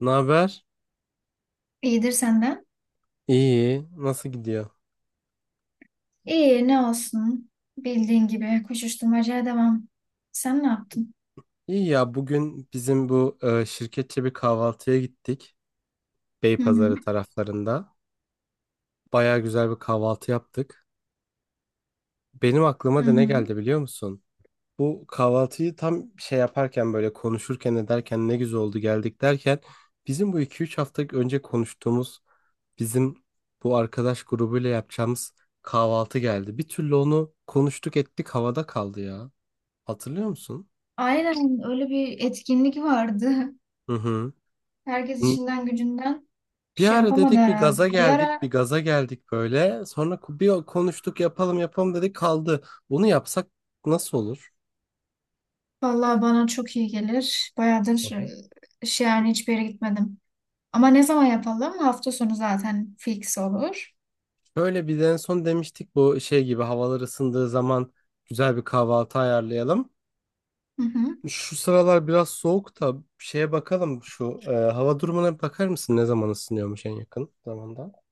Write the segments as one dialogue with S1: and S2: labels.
S1: Ne haber?
S2: İyidir senden.
S1: İyi. Nasıl gidiyor?
S2: İyi ne olsun. Bildiğin gibi koşuşturmacaya devam. Sen ne yaptın?
S1: İyi ya, bugün bizim bu şirketçe bir kahvaltıya gittik.
S2: Hı hı.
S1: Beypazarı taraflarında. Baya güzel bir kahvaltı yaptık. Benim aklıma
S2: Hı
S1: da ne
S2: hı.
S1: geldi, biliyor musun? Bu kahvaltıyı tam şey yaparken, böyle konuşurken ederken ne güzel oldu, geldik derken bizim bu 2-3 hafta önce konuştuğumuz bizim bu arkadaş grubuyla yapacağımız kahvaltı geldi. Bir türlü onu konuştuk ettik, havada kaldı ya. Hatırlıyor musun?
S2: Aynen, öyle bir etkinlik vardı.
S1: Hı hı.
S2: Herkes işinden gücünden
S1: Bir
S2: şey
S1: ara
S2: yapamadı
S1: dedik, bir
S2: herhalde.
S1: gaza
S2: Bir
S1: geldik,
S2: ara
S1: bir gaza geldik böyle. Sonra bir konuştuk, yapalım yapalım dedik, kaldı. Bunu yapsak nasıl olur?
S2: vallahi bana çok iyi gelir. Bayağıdır
S1: Aha.
S2: şey yani hiçbir yere gitmedim. Ama ne zaman yapalım? Hafta sonu zaten fix olur.
S1: Böyle bir de en son demiştik, bu şey gibi havalar ısındığı zaman güzel bir kahvaltı ayarlayalım.
S2: Hı hı.
S1: Şu sıralar biraz soğuk da şeye bakalım, şu hava durumuna bir bakar mısın, ne zaman ısınıyormuş en yakın zamanda?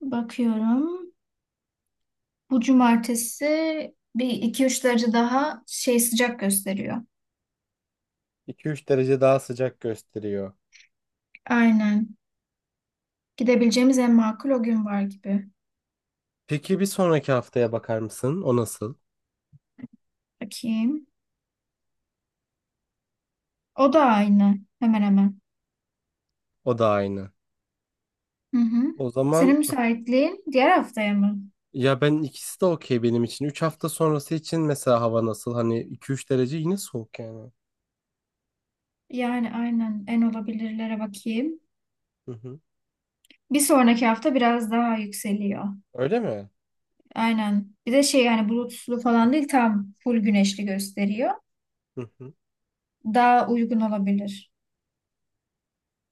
S2: Bakıyorum. Bu cumartesi bir iki üç derece daha şey sıcak gösteriyor.
S1: 2-3 derece daha sıcak gösteriyor.
S2: Aynen. Gidebileceğimiz en makul o gün var gibi.
S1: Peki bir sonraki haftaya bakar mısın? O nasıl?
S2: Bakayım. O da aynı. Hemen hemen.
S1: O da aynı.
S2: Hı hı.
S1: O zaman.
S2: Senin müsaitliğin diğer haftaya mı?
S1: Ya ben, ikisi de okey benim için. 3 hafta sonrası için mesela hava nasıl? Hani 2-3 derece yine soğuk yani.
S2: Yani aynen en olabilirlere bakayım.
S1: Hı hı.
S2: Bir sonraki hafta biraz daha yükseliyor.
S1: Öyle mi?
S2: Aynen. Bir de şey yani bulutsuzlu falan değil, tam full güneşli gösteriyor.
S1: Hı hı.
S2: Daha uygun olabilir.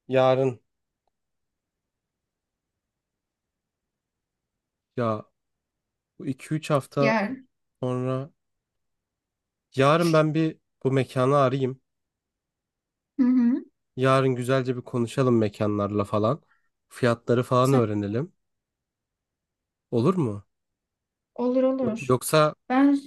S1: Yarın, ya bu 2-3 hafta
S2: Yer.
S1: sonra, yarın ben bir bu mekanı arayayım.
S2: Hı hı.
S1: Yarın güzelce bir konuşalım mekanlarla falan. Fiyatları falan öğrenelim. Olur mu?
S2: Olur
S1: Yok,
S2: olur.
S1: yoksa.
S2: Ben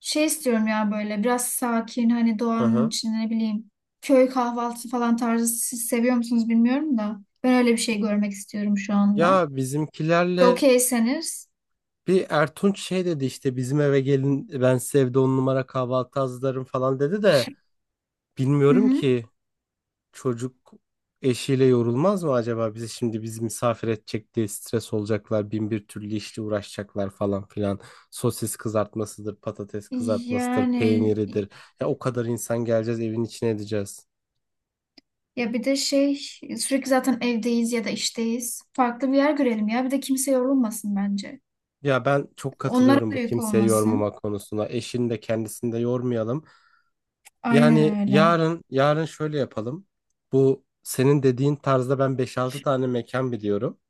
S2: şey istiyorum ya, böyle biraz sakin, hani
S1: Hı
S2: doğanın
S1: hı.
S2: içinde, ne bileyim, köy kahvaltısı falan tarzı. Siz seviyor musunuz bilmiyorum da ben öyle bir şey görmek istiyorum şu anda.
S1: Ya bizimkilerle
S2: Okeyseniz.
S1: bir Ertunç şey dedi, işte bizim eve gelin, ben size evde on numara kahvaltı hazırlarım falan dedi de
S2: Hı
S1: bilmiyorum
S2: hı.
S1: ki. Çocuk eşiyle yorulmaz mı acaba? Bizi şimdi bizi misafir edecek diye stres olacaklar. Bin bir türlü işle uğraşacaklar, falan filan. Sosis kızartmasıdır, patates kızartmasıdır,
S2: Yani
S1: peyniridir. Ya o kadar insan geleceğiz, evin içine edeceğiz.
S2: ya bir de şey, sürekli zaten evdeyiz ya da işteyiz. Farklı bir yer görelim ya. Bir de kimse yorulmasın bence.
S1: Ya ben çok
S2: Onlara
S1: katılıyorum
S2: da
S1: bu
S2: yük
S1: kimseyi
S2: olmasın.
S1: yormama konusuna. Eşini de kendisini de yormayalım. Yani
S2: Aynen öyle.
S1: yarın şöyle yapalım. Bu senin dediğin tarzda ben beş altı tane mekan biliyorum.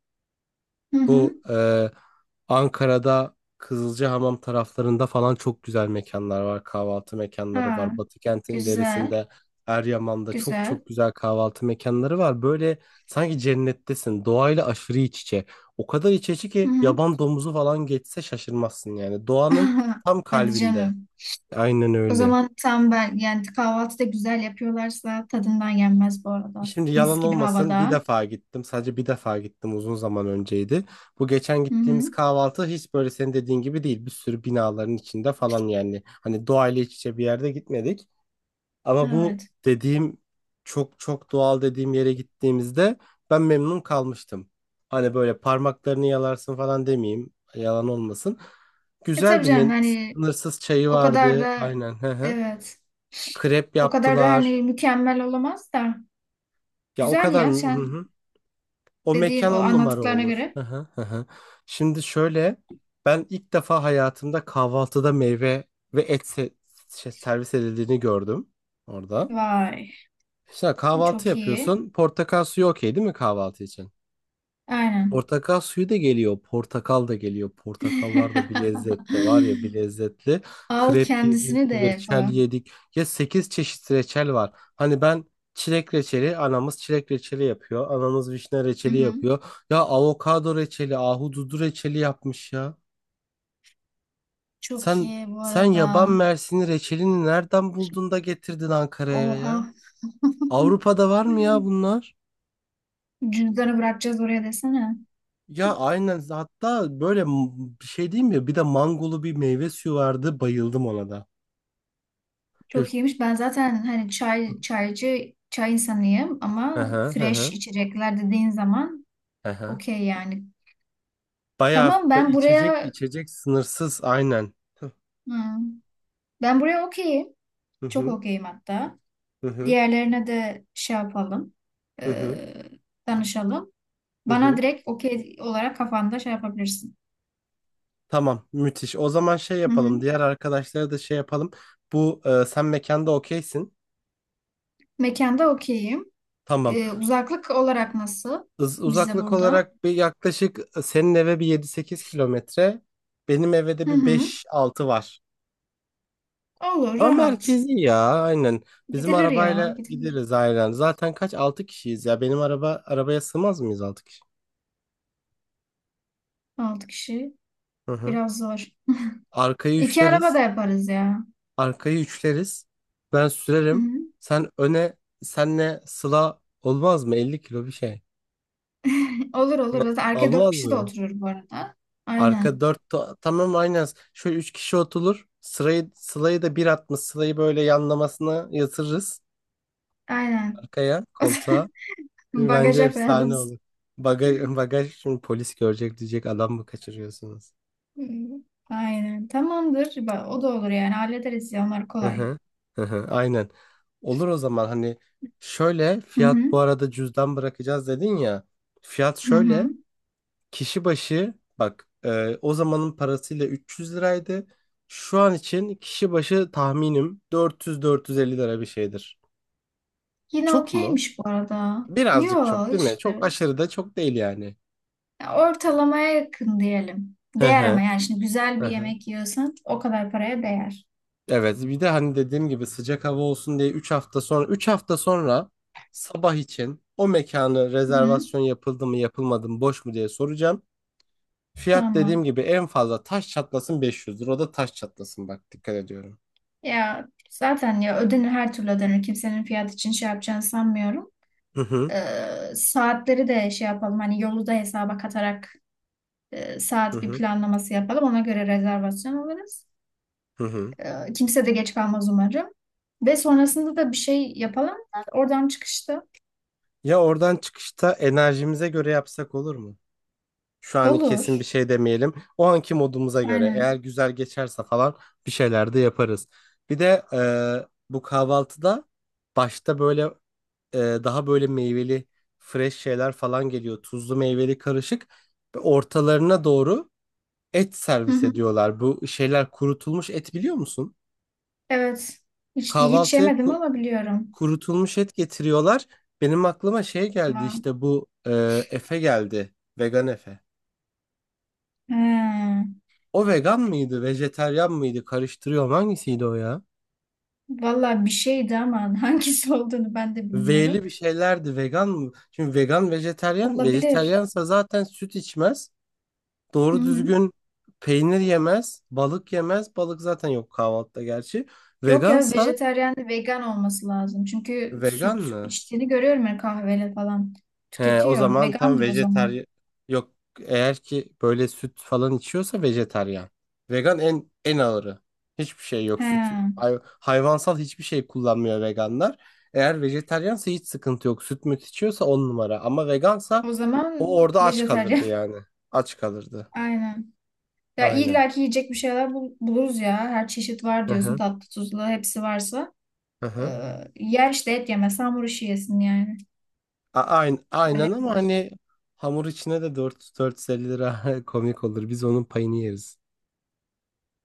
S2: Hı hı.
S1: Bu Ankara'da Kızılcahamam taraflarında falan çok güzel mekanlar var. Kahvaltı mekanları
S2: Ha,
S1: var. Batı kentin
S2: güzel,
S1: ilerisinde Eryaman'da çok
S2: güzel.
S1: çok güzel kahvaltı mekanları var. Böyle sanki cennettesin. Doğayla aşırı iç içe. O kadar iç içe
S2: Hı
S1: ki
S2: hı.
S1: yaban domuzu falan geçse şaşırmazsın yani. Doğanın tam
S2: Hadi
S1: kalbinde.
S2: canım.
S1: Aynen
S2: O
S1: öyle.
S2: zaman tam ben yani, kahvaltı da güzel yapıyorlarsa tadından yenmez bu arada.
S1: Şimdi
S2: Mis
S1: yalan
S2: gibi
S1: olmasın, bir
S2: havada.
S1: defa gittim. Sadece bir defa gittim, uzun zaman önceydi. Bu geçen
S2: Hı
S1: gittiğimiz
S2: hı.
S1: kahvaltı hiç böyle senin dediğin gibi değil. Bir sürü binaların içinde falan yani. Hani doğayla iç içe bir yerde gitmedik. Ama bu
S2: Evet.
S1: dediğim çok çok doğal dediğim yere gittiğimizde ben memnun kalmıştım. Hani böyle parmaklarını yalarsın falan demeyeyim. Yalan olmasın.
S2: E tabii
S1: Güzeldi.
S2: canım, hani
S1: Sınırsız çayı
S2: o kadar
S1: vardı.
S2: da
S1: Aynen. Hı hı.
S2: evet.
S1: Krep
S2: O kadar da
S1: yaptılar.
S2: hani mükemmel olamaz da.
S1: Ya o
S2: Güzel
S1: kadar. Hı
S2: ya, sen
S1: hı. O
S2: dediğin
S1: mekan
S2: o
S1: on numara
S2: anlattıklarına
S1: olur.
S2: göre.
S1: Hı hı, hı hı. Şimdi şöyle, ben ilk defa hayatımda kahvaltıda meyve ve şey, servis edildiğini gördüm orada.
S2: Vay.
S1: İşte kahvaltı
S2: Çok iyi.
S1: yapıyorsun. Portakal suyu okey değil mi kahvaltı için?
S2: Aynen.
S1: Portakal suyu da geliyor, portakal da geliyor. Portakallar da bir lezzetli var ya, bir lezzetli.
S2: Al
S1: Krep
S2: kendisini
S1: yedik,
S2: de
S1: reçel
S2: falan.
S1: yedik. Ya 8 çeşit reçel var. Hani ben çilek reçeli, anamız çilek reçeli yapıyor. Anamız vişne
S2: Hı
S1: reçeli
S2: hı.
S1: yapıyor. Ya, avokado reçeli, ahududu reçeli yapmış ya.
S2: Çok
S1: Sen
S2: iyi bu
S1: sen yaban
S2: arada.
S1: mersini reçelini nereden buldun da getirdin Ankara'ya
S2: Oha.
S1: ya? Avrupa'da var mı ya bunlar?
S2: Cüzdanı bırakacağız oraya desene.
S1: Ya aynen, hatta böyle bir şey diyeyim mi? Bir de mangolu bir meyve suyu vardı, bayıldım ona da. Hep-
S2: Çok iyiymiş. Ben zaten hani çay, çaycı, çay insanıyım
S1: Hı
S2: ama
S1: hı hı
S2: fresh
S1: hı.
S2: içecekler dediğin zaman
S1: Hı hı.
S2: okey yani.
S1: Bayağı
S2: Tamam, ben
S1: içecek
S2: buraya
S1: içecek sınırsız aynen. Hı
S2: hı, ben buraya okeyim. Çok
S1: hı
S2: okeyim hatta.
S1: hı hı
S2: Diğerlerine de şey yapalım.
S1: hı
S2: e,
S1: hı.
S2: Danışalım.
S1: Hı
S2: Bana
S1: hı.
S2: direkt okey olarak kafanda şey yapabilirsin.
S1: Tamam, müthiş. O zaman şey
S2: Hı hı.
S1: yapalım, diğer arkadaşlara da şey yapalım. Bu sen mekanda okeysin.
S2: Mekanda okeyim.
S1: Tamam.
S2: E, uzaklık olarak nasıl?
S1: Uz-
S2: Bize
S1: uzaklık
S2: burada.
S1: olarak bir yaklaşık, senin eve bir 7-8 km. Benim eve de
S2: Hı
S1: bir
S2: hı.
S1: beş altı var.
S2: Olur,
S1: Ama
S2: rahat.
S1: merkezi ya, aynen. Bizim
S2: Gidilir ya,
S1: arabayla
S2: gidilir.
S1: gideriz aynen. Zaten kaç? Altı kişiyiz ya. Benim arabaya sığmaz mıyız 6 kişi?
S2: Altı kişi
S1: Hı hı.
S2: biraz zor.
S1: Arkayı
S2: İki araba da
S1: üçleriz.
S2: yaparız ya.
S1: Arkayı üçleriz. Ben
S2: Hı
S1: sürerim.
S2: hı.
S1: Sen öne, senle Sıla olmaz mı? 50 kilo bir şey.
S2: Olur
S1: Hı.
S2: olur. Zaten arka dört
S1: Olmaz
S2: kişi de
S1: mı?
S2: oturur bu arada.
S1: Arka
S2: Aynen.
S1: 4, tamam aynen. Şöyle 3 kişi oturur. Sıla'yı da bir atmış. Sıla'yı böyle yanlamasına yatırırız
S2: Aynen.
S1: arkaya,
S2: O zaman
S1: koltuğa. Bence
S2: bagaja koyalım.
S1: efsane olur. Bagaj, bagaj şimdi polis görecek, diyecek adam mı kaçırıyorsunuz?
S2: Hı. Aynen. Tamamdır. O da olur yani. Hallederiz ya. Onlar
S1: Hı
S2: kolay.
S1: hı. Hı hı. Aynen. Olur, o zaman hani şöyle
S2: Hı
S1: fiyat,
S2: hı.
S1: bu arada cüzdan bırakacağız dedin ya. Fiyat
S2: Hı
S1: şöyle,
S2: hı.
S1: kişi başı bak, o zamanın parasıyla 300 liraydı. Şu an için kişi başı tahminim 400-450 lira bir şeydir.
S2: Yine
S1: Çok mu?
S2: okeymiş bu arada. Yo
S1: Birazcık çok değil mi? Çok
S2: işte.
S1: aşırı da çok değil yani.
S2: Ya, ortalamaya yakın diyelim.
S1: Hı
S2: Değer, ama
S1: hı.
S2: yani şimdi güzel
S1: Hı
S2: bir
S1: hı.
S2: yemek yiyorsan o kadar paraya değer.
S1: Evet, bir de hani dediğim gibi sıcak hava olsun diye üç hafta sonra sabah için o mekanı
S2: Hı hı.
S1: rezervasyon yapıldı mı, yapılmadı mı, boş mu diye soracağım. Fiyat dediğim
S2: Tamam.
S1: gibi en fazla taş çatlasın 500 lira, o da taş çatlasın bak, dikkat ediyorum.
S2: Ya zaten ya ödenir, her türlü ödenir. Kimsenin fiyat için şey yapacağını sanmıyorum.
S1: Hı hı
S2: Saatleri de şey yapalım. Hani yolu da hesaba katarak
S1: hı
S2: saat bir
S1: hı
S2: planlaması yapalım. Ona göre rezervasyon alırız.
S1: hı hı.
S2: Kimse de geç kalmaz umarım. Ve sonrasında da bir şey yapalım, oradan çıkışta.
S1: Ya, oradan çıkışta enerjimize göre yapsak olur mu? Şu an kesin bir
S2: Olur.
S1: şey demeyelim. O anki modumuza göre, eğer
S2: Aynen.
S1: güzel geçerse falan, bir şeyler de yaparız. Bir de bu kahvaltıda başta böyle daha böyle meyveli fresh şeyler falan geliyor. Tuzlu, meyveli, karışık. Ve ortalarına doğru et
S2: Hı
S1: servis
S2: hı.
S1: ediyorlar. Bu şeyler kurutulmuş et, biliyor musun?
S2: Evet. Hiç
S1: Kahvaltıya
S2: yemedim ama biliyorum.
S1: kurutulmuş et getiriyorlar. Benim aklıma şey geldi
S2: Ha.
S1: işte, bu Efe geldi. Vegan Efe.
S2: He.
S1: O vegan mıydı, vejeteryan mıydı? Karıştırıyorum. Hangisiydi o ya?
S2: Vallahi bir şeydi ama hangisi olduğunu ben de bilmiyorum.
S1: V'li bir şeylerdi. Vegan mı? Şimdi vegan, vejeteryan.
S2: Olabilir.
S1: Vejeteryansa zaten süt içmez.
S2: Hı
S1: Doğru
S2: hı.
S1: düzgün peynir yemez, balık yemez. Balık zaten yok kahvaltıda gerçi.
S2: Yok ya,
S1: Vegansa,
S2: vejetaryen de vegan olması lazım. Çünkü
S1: vegan
S2: süt
S1: mı?
S2: içtiğini görüyorum ya, kahveyle falan.
S1: He, o
S2: Tüketiyor.
S1: zaman tam
S2: Vegandır o zaman.
S1: vejetaryen. Yok, eğer ki böyle süt falan içiyorsa vejetaryen. Vegan en ağırı. Hiçbir şey yok,
S2: He.
S1: süt. Hayvansal hiçbir şey kullanmıyor veganlar. Eğer vejetaryense hiç sıkıntı yok. Süt müt içiyorsa on numara. Ama vegansa
S2: O
S1: o
S2: zaman
S1: orada aç kalırdı
S2: vejetaryen.
S1: yani. Aç kalırdı.
S2: Aynen. Ya
S1: Aynen.
S2: illa ki yiyecek bir şeyler buluruz ya. Her çeşit var
S1: Hı
S2: diyorsun,
S1: hı.
S2: tatlı tuzlu hepsi varsa.
S1: Hı
S2: Ee,
S1: hı.
S2: Yer işte, et yemez hamur işi yesin yani.
S1: Aynen ama
S2: Halledilir.
S1: hani hamur içine de 4 450 lira komik olur. Biz onun payını yeriz.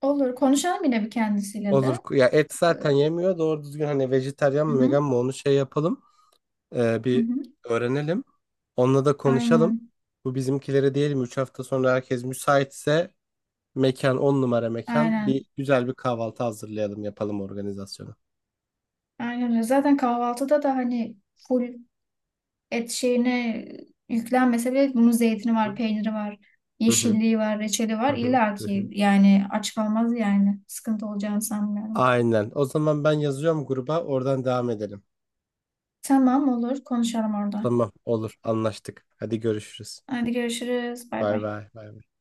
S2: Olur. Konuşalım yine bir kendisiyle
S1: Olur.
S2: de.
S1: Ya et
S2: Ee,
S1: zaten yemiyor. Doğru düzgün hani vejetaryen
S2: hı
S1: mi, vegan
S2: hı.
S1: mı, onu şey yapalım. Ee,
S2: Hı
S1: bir
S2: hı.
S1: öğrenelim. Onunla da konuşalım.
S2: Aynen.
S1: Bu bizimkilere diyelim, 3 hafta sonra herkes müsaitse, mekan 10 numara, mekan bir,
S2: Aynen.
S1: güzel bir kahvaltı hazırlayalım, yapalım organizasyonu.
S2: Aynen öyle. Zaten kahvaltıda da hani full et şeyine yüklenmese bile bunun zeytini var,
S1: Hı
S2: peyniri var,
S1: hı.
S2: yeşilliği var, reçeli var.
S1: Hı hı.
S2: İlla
S1: Hı
S2: ki
S1: hı.
S2: yani aç kalmaz yani. Sıkıntı olacağını sanmıyorum.
S1: Aynen. O zaman ben yazıyorum gruba, oradan devam edelim.
S2: Tamam, olur, konuşalım orada.
S1: Tamam, olur, anlaştık. Hadi görüşürüz.
S2: Hadi görüşürüz. Bay
S1: Bay
S2: bay.
S1: bay. Bay bay.